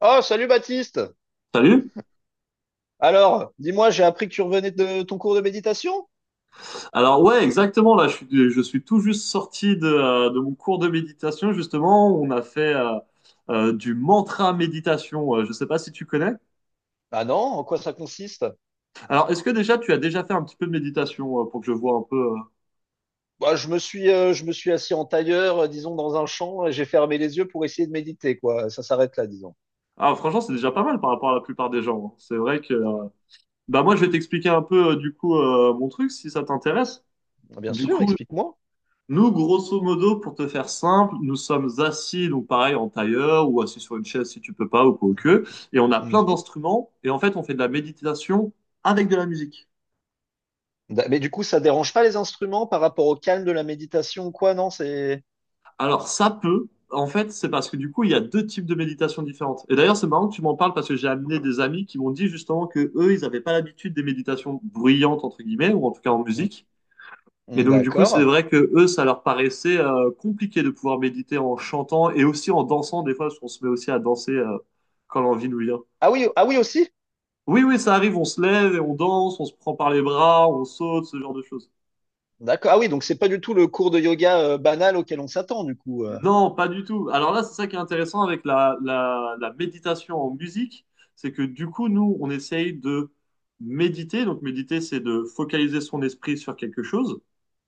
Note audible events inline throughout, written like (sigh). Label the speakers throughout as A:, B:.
A: Oh, salut Baptiste!
B: Salut.
A: Alors, dis-moi, j'ai appris que tu revenais de ton cours de méditation?
B: Alors ouais, exactement. Là, je suis tout juste sorti de mon cours de méditation. Justement, on a fait du mantra méditation. Je ne sais pas si tu connais.
A: Ah non, en quoi ça consiste?
B: Alors, est-ce que déjà tu as déjà fait un petit peu de méditation pour que je vois un peu
A: Bah, je me suis assis en tailleur, disons, dans un champ, et j'ai fermé les yeux pour essayer de méditer, quoi. Ça s'arrête là, disons.
B: Ah, franchement, c'est déjà pas mal par rapport à la plupart des gens, hein. C'est vrai que, bah moi, je vais t'expliquer un peu du coup mon truc si ça t'intéresse.
A: Ah, bien
B: Du
A: sûr,
B: coup,
A: explique-moi.
B: nous, grosso modo, pour te faire simple, nous sommes assis, donc pareil, en tailleur ou assis sur une chaise si tu peux pas ou quoi que, et on a plein
A: Mhm.
B: d'instruments, et en fait, on fait de la méditation avec de la musique.
A: Mais du coup, ça dérange pas les instruments par rapport au calme de la méditation ou quoi, non? C'est…
B: Alors, ça peut, en fait, c'est parce que du coup, il y a deux types de méditation différentes. Et d'ailleurs, c'est marrant que tu m'en parles parce que j'ai amené des amis qui m'ont dit justement que eux, ils n'avaient pas l'habitude des méditations bruyantes, entre guillemets, ou en tout cas en
A: Mm,
B: musique. Et
A: mm,
B: donc, du coup, c'est
A: d'accord.
B: vrai que eux, ça leur paraissait compliqué de pouvoir méditer en chantant et aussi en dansant, des fois, parce qu'on se met aussi à danser quand l'envie nous vient.
A: Ah oui, ah oui aussi?
B: Oui, oui, ça arrive, on se lève et on danse, on se prend par les bras, on saute, ce genre de choses.
A: D'accord. Ah oui, donc c'est pas du tout le cours de yoga, banal auquel on s'attend, du coup.
B: Non, pas du tout. Alors là, c'est ça qui est intéressant avec la méditation en musique, c'est que du coup, nous, on essaye de méditer. Donc, méditer, c'est de focaliser son esprit sur quelque chose.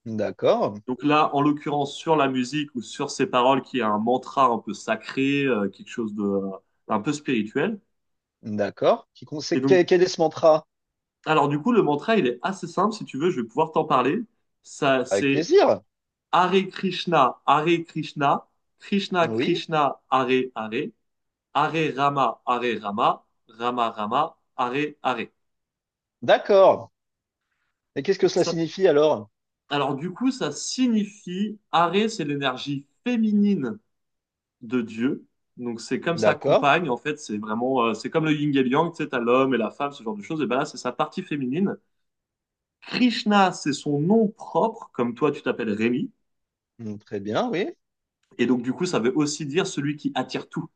A: D'accord.
B: Donc là, en l'occurrence, sur la musique ou sur ces paroles, qui est un mantra un peu sacré, quelque chose de un peu spirituel.
A: D'accord. Qui,
B: Et donc,
A: quel est ce mantra?
B: alors du coup, le mantra, il est assez simple. Si tu veux, je vais pouvoir t'en parler. Ça,
A: Avec
B: c'est
A: plaisir.
B: Hare Krishna, Hare Krishna, Krishna
A: Oui.
B: Krishna, Hare Hare, Hare Rama, Hare Rama, Rama Rama, Hare Hare.
A: D'accord. Et qu'est-ce que
B: Donc
A: cela
B: ça-
A: signifie alors?
B: alors du coup, ça signifie, Hare, c'est l'énergie féminine de Dieu. Donc c'est comme sa
A: D'accord.
B: compagne, en fait, c'est vraiment, c'est comme le yin et le yang, tu sais, t'as l'homme et la femme, ce genre de choses. Et ben là, c'est sa partie féminine. Krishna, c'est son nom propre, comme toi, tu t'appelles Rémi.
A: Hmm, très bien, oui.
B: Et donc du coup, ça veut aussi dire celui qui attire tout.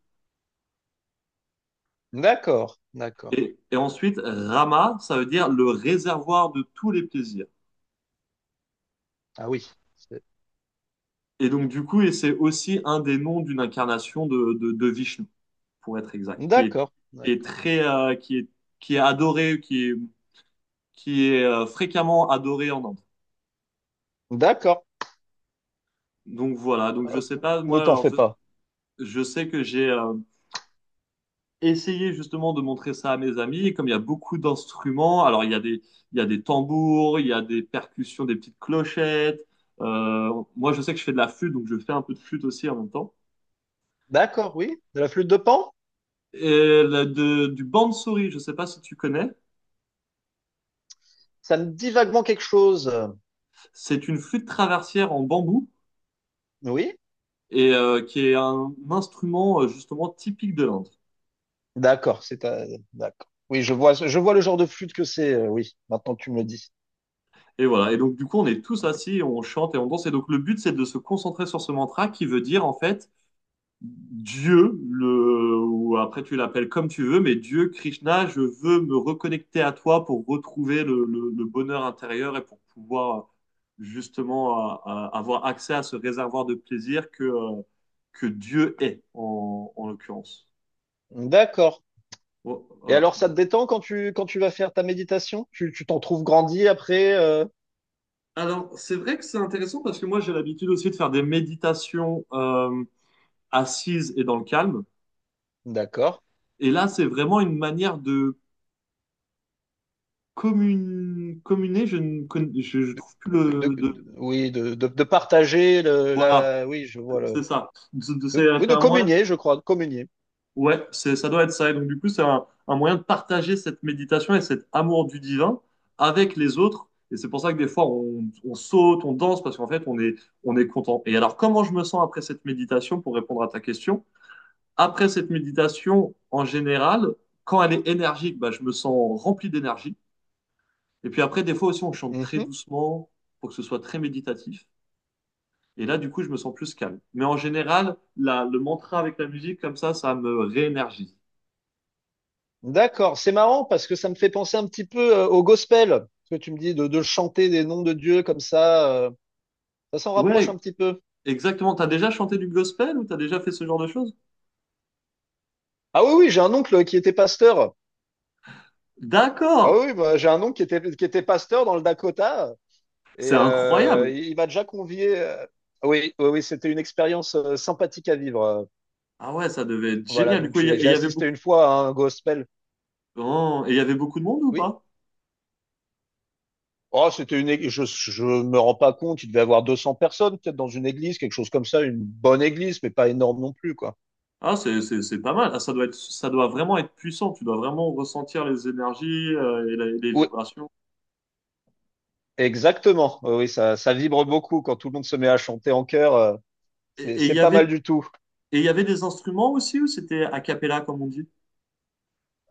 A: D'accord. D'accord.
B: Et ensuite, Rama, ça veut dire le réservoir de tous les plaisirs.
A: Ah oui.
B: Et donc du coup, et c'est aussi un des noms d'une incarnation de Vishnu, pour être exact, qui est,
A: D'accord.
B: qui est
A: D'accord.
B: très, euh, qui est, qui est adoré, qui est fréquemment adoré en Inde.
A: D'accord.
B: Donc voilà, donc je
A: Euh,
B: sais pas,
A: ne
B: moi,
A: t'en
B: alors
A: fais
B: je,
A: pas.
B: je sais que j'ai essayé justement de montrer ça à mes amis, et comme il y a beaucoup d'instruments, alors il y a des, tambours, il y a des percussions, des petites clochettes, moi je sais que je fais de la flûte, donc je fais un peu de flûte aussi en même temps.
A: D'accord, oui. De la flûte de Pan?
B: Du bansuri, je sais pas si tu connais,
A: Ça me dit vaguement quelque chose.
B: c'est une flûte traversière en bambou,
A: Oui.
B: et qui est un instrument justement typique de l'Inde.
A: D'accord. D'accord. Oui, je vois le genre de flûte que c'est. Oui. Maintenant que tu me le dis.
B: Et voilà. Et donc, du coup, on est tous assis, on chante et on danse. Et donc, le but, c'est de se concentrer sur ce mantra qui veut dire, en fait, Dieu, le, ou après tu l'appelles comme tu veux, mais Dieu, Krishna, je veux me reconnecter à toi pour retrouver le bonheur intérieur et pour pouvoir justement avoir accès à ce réservoir de plaisir que Dieu est, en l'occurrence.
A: D'accord.
B: Bon,
A: Et
B: voilà.
A: alors, ça te détend quand tu vas faire ta méditation? Tu t'en trouves grandi après?
B: Alors, c'est vrai que c'est intéressant parce que moi, j'ai l'habitude aussi de faire des méditations assises et dans le calme.
A: D'accord.
B: Et là, c'est vraiment une manière de communer. Je ne con- je
A: De,
B: trouve plus le. De,
A: oui, de partager
B: voilà,
A: oui, je vois le,
B: c'est ça. C'est
A: de- oui,
B: c'est
A: de
B: un moyen.
A: communier, je crois, de communier.
B: Ouais, c'est, ça doit être ça. Et donc, du coup, c'est un moyen de partager cette méditation et cet amour du divin avec les autres. Et c'est pour ça que des fois, on saute, on danse, parce qu'en fait, on est content. Et alors, comment je me sens après cette méditation, pour répondre à ta question? Après cette méditation, en général, quand elle est énergique, bah, je me sens rempli d'énergie. Et puis après, des fois aussi, on chante très
A: Mhm.
B: doucement pour que ce soit très méditatif. Et là, du coup, je me sens plus calme. Mais en général, le mantra avec la musique, comme ça me réénergise.
A: D'accord. C'est marrant parce que ça me fait penser un petit peu au gospel. Ce que tu me dis de chanter des noms de Dieu comme ça, ça s'en rapproche
B: Ouais,
A: un petit peu.
B: exactement. T'as déjà chanté du gospel ou t'as déjà fait ce genre de choses?
A: Ah oui, oui, j'ai un oncle qui était pasteur. Ah
B: D'accord!
A: oui, oui, bah, j'ai un oncle qui était pasteur dans le Dakota.
B: C'est
A: Et
B: incroyable!
A: il m'a déjà convié. Oui, oui, oui, c'était une expérience sympathique à vivre.
B: Ah ouais, ça devait être
A: Voilà,
B: génial. Du
A: donc
B: coup, et il
A: j'ai
B: y avait
A: assisté
B: beaucoup.
A: une fois à un gospel.
B: Oh, et il y avait beaucoup de monde ou
A: Oui.
B: pas?
A: Oh, c'était une. Je me rends pas compte. Il devait y avoir 200 personnes peut-être dans une église, quelque chose comme ça, une bonne église, mais pas énorme non plus, quoi.
B: Ah, c'est pas mal. Ah, ça doit vraiment être puissant. Tu dois vraiment ressentir les énergies et les
A: Oui,
B: vibrations.
A: exactement. Oui, oui, ça vibre beaucoup quand tout le monde se met à chanter en chœur. C'est
B: Et il y
A: pas
B: avait
A: mal du tout.
B: Et il y avait des instruments aussi ou c'était a cappella comme on dit?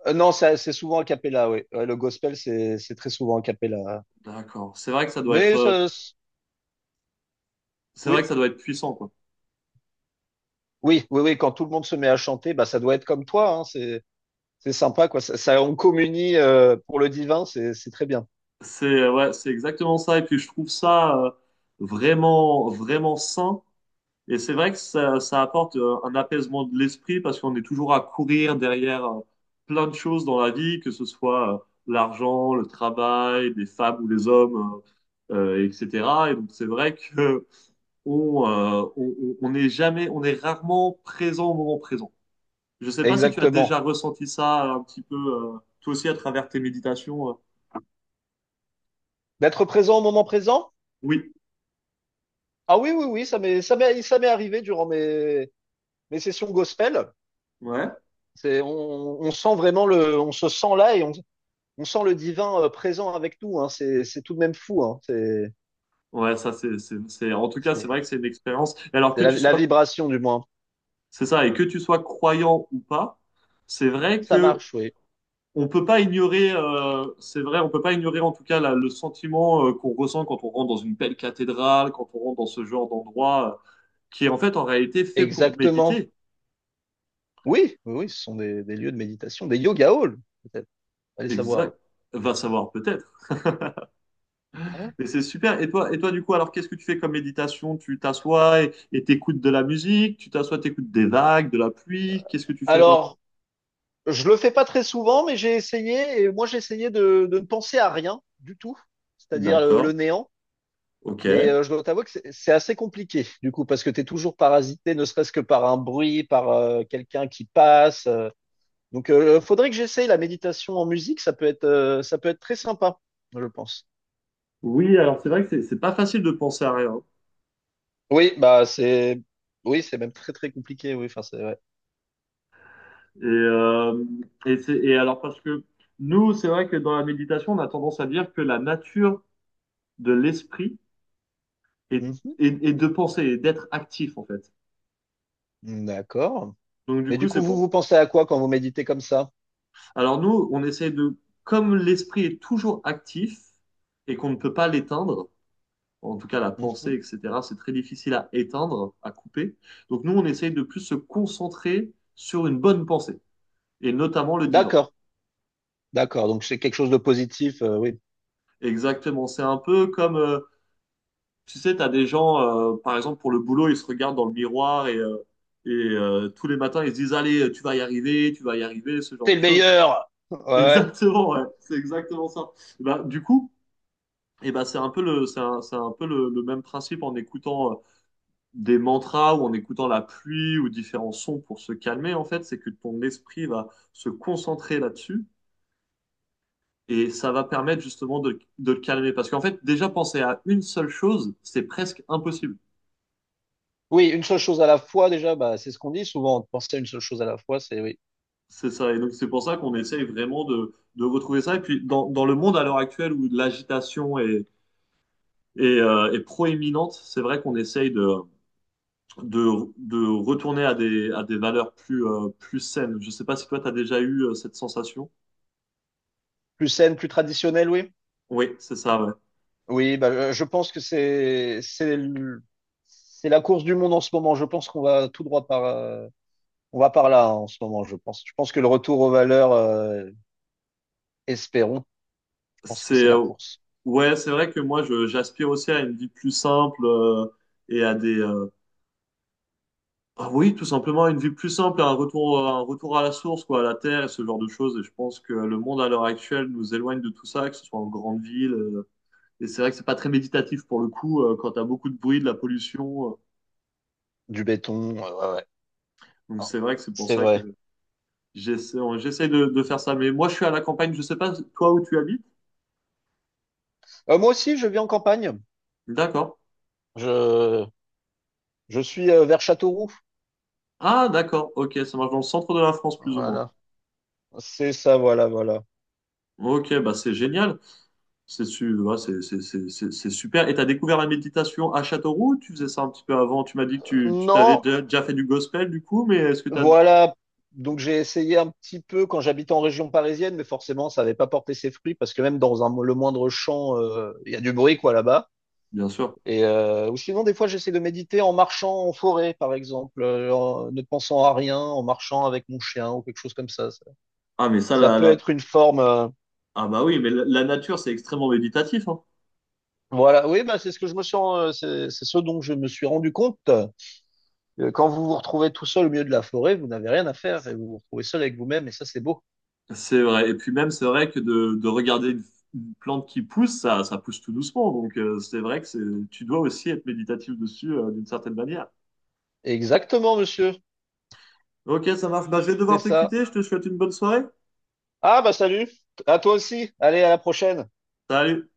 A: Non, c'est souvent a cappella. Oui, ouais, le gospel c'est très souvent a cappella.
B: D'accord. C'est vrai que ça doit être,
A: Mais ça,
B: c'est vrai que ça doit être puissant quoi.
A: Oui, oui, oui, quand tout le monde se met à chanter, bah, ça doit être comme toi, hein, c'est sympa, quoi. On communie pour le divin, c'est très bien.
B: C'est ouais, c'est exactement ça. Et puis je trouve ça vraiment, vraiment sain. Et c'est vrai que ça apporte un apaisement de l'esprit parce qu'on est toujours à courir derrière plein de choses dans la vie, que ce soit l'argent, le travail, les femmes ou les hommes, etc. Et donc c'est vrai que on est jamais, on est rarement présent au moment présent. Je sais pas si tu as
A: Exactement.
B: déjà ressenti ça un petit peu, toi aussi à travers tes méditations.
A: D'être présent au moment présent?
B: Oui,
A: Ah oui, oui, oui, ça m'est arrivé durant mes, mes sessions gospel.
B: ouais.
A: C'est, on sent vraiment le, on se sent là et on sent le divin présent avec nous, hein. C'est tout de même fou, hein.
B: Ouais, ça c'est, en tout cas, c'est vrai que
A: C'est,
B: c'est une expérience. Et alors
A: c'est
B: que
A: la,
B: tu
A: la
B: sois,
A: vibration, du moins.
B: c'est ça, et que tu sois croyant ou pas, c'est vrai
A: Ça
B: que
A: marche, oui.
B: on peut pas ignorer, c'est vrai, on peut pas ignorer en tout cas le sentiment qu'on ressent quand on rentre dans une belle cathédrale, quand on rentre dans ce genre d'endroit qui est en fait en réalité fait pour
A: Exactement.
B: méditer.
A: Oui, oui, oui, ce sont des lieux de méditation, des yoga halls, peut-être. Allez savoir.
B: Exact. Va savoir peut-être.
A: Hein.
B: Mais c'est super. Et toi, du coup, alors qu'est-ce que tu fais comme méditation? Tu t'assois et t'écoutes de la musique, tu t'assois, t'écoutes des vagues, de la pluie. Qu'est-ce que tu fais, toi?
A: Alors, je le fais pas très souvent, mais j'ai essayé, et moi j'ai essayé de ne penser à rien du tout, c'est-à-dire
B: D'accord.
A: le néant.
B: Ok.
A: Mais je dois t'avouer que c'est assez compliqué, du coup, parce que tu es toujours parasité, ne serait-ce que par un bruit, par quelqu'un qui passe. Donc, faudrait que j'essaye la méditation en musique, ça peut être très sympa, je pense.
B: Oui, alors c'est vrai que c'est pas facile de penser à rien.
A: Oui, oui, c'est même très très compliqué, oui, enfin c'est vrai.
B: Et, euh, et alors parce que nous, c'est vrai que dans la méditation, on a tendance à dire que la nature de l'esprit est,
A: Mhm.
B: est de penser, et d'être actif en fait.
A: D'accord.
B: Donc du
A: Mais du
B: coup,
A: coup,
B: c'est pour.
A: vous pensez à quoi quand vous méditez comme ça?
B: Alors nous, on essaie de, comme l'esprit est toujours actif et qu'on ne peut pas l'éteindre, en tout cas la pensée,
A: Mhm.
B: etc. C'est très difficile à éteindre, à couper. Donc nous, on essaye de plus se concentrer sur une bonne pensée, et notamment le divan.
A: D'accord. D'accord, donc c'est quelque chose de positif, oui.
B: Exactement, c'est un peu comme, tu sais, tu as des gens, par exemple, pour le boulot, ils se regardent dans le miroir et tous les matins, ils se disent, allez, tu vas y arriver, tu vas y arriver, ce genre
A: T'es
B: de
A: le
B: choses.
A: meilleur!
B: (laughs)
A: Ouais.
B: Exactement, ouais, c'est exactement ça. Et bah, du coup, et ben c'est un peu le, c'est un peu le même principe en écoutant des mantras ou en écoutant la pluie ou différents sons pour se calmer, en fait, c'est que ton esprit va se concentrer là-dessus et ça va permettre justement de le calmer. Parce qu'en fait, déjà penser à une seule chose, c'est presque impossible.
A: Oui, une seule chose à la fois, déjà, bah, c'est ce qu'on dit souvent, de penser à une seule chose à la fois, c'est oui.
B: C'est ça. Et donc, c'est pour ça qu'on essaye vraiment de retrouver ça. Et puis, dans le monde à l'heure actuelle où l'agitation est proéminente, c'est vrai qu'on essaye de retourner à des, valeurs plus, plus saines. Je sais pas si toi, tu as déjà eu cette sensation.
A: Plus saine, plus traditionnelle, oui.
B: Oui, c'est ça, ouais.
A: Oui, bah, je pense que c'est c'est la course du monde en ce moment. Je pense qu'on va tout droit par on va par là hein, en ce moment, je pense. Je pense que le retour aux valeurs, espérons, je pense que
B: C'est
A: c'est la course.
B: ouais, c'est vrai que moi je j'aspire aussi à une vie plus simple et à des ah oui, tout simplement une vie plus simple, à un retour à la source quoi, à la terre et ce genre de choses. Et je pense que le monde à l'heure actuelle nous éloigne de tout ça, que ce soit en grande ville. Et c'est vrai que c'est pas très méditatif pour le coup quand t'as beaucoup de bruit, de la pollution.
A: Du béton, ouais, ouais.
B: Donc
A: Ah,
B: c'est vrai que c'est pour
A: c'est
B: ça
A: vrai.
B: que j'essaie de faire ça. Mais moi je suis à la campagne, je sais pas toi où tu habites.
A: Moi aussi, je vis en campagne.
B: D'accord.
A: Je, je suis vers Châteauroux.
B: Ah d'accord. Ok, ça marche dans le centre de la France plus ou moins.
A: Voilà. C'est ça, voilà, voilà.
B: Ok, bah c'est génial. Ouais, c'est super. Et tu as découvert la méditation à Châteauroux? Tu faisais ça un petit peu avant. Tu m'as dit que tu t'avais
A: Non,
B: déjà fait du gospel du coup, mais est-ce que tu as...
A: voilà. Donc j'ai essayé un petit peu quand j'habitais en région parisienne, mais forcément ça n'avait pas porté ses fruits parce que même dans un, le moindre champ, il y a du bruit quoi là-bas.
B: Bien sûr.
A: Et ou sinon des fois j'essaie de méditer en marchant en forêt par exemple, en ne pensant à rien, en marchant avec mon chien ou quelque chose comme ça. Ça,
B: Ah, mais ça,
A: ça peut être une forme.
B: Ah bah oui, mais la nature, c'est extrêmement méditatif, hein.
A: Voilà, oui, c'est ce que je me suis, c'est ce dont je me suis rendu compte. Quand vous vous retrouvez tout seul au milieu de la forêt, vous n'avez rien à faire et vous vous retrouvez seul avec vous-même et ça c'est beau.
B: C'est vrai. Et puis même, c'est vrai que de regarder une plante qui pousse, ça pousse tout doucement. Donc c'est vrai que c'est, tu dois aussi être méditatif dessus d'une certaine manière.
A: Exactement, monsieur.
B: Ok, ça marche. Bah, je vais
A: C'est
B: devoir te
A: ça.
B: quitter. Je te souhaite une bonne soirée.
A: Ah, bah salut. À toi aussi. Allez, à la prochaine.
B: Salut.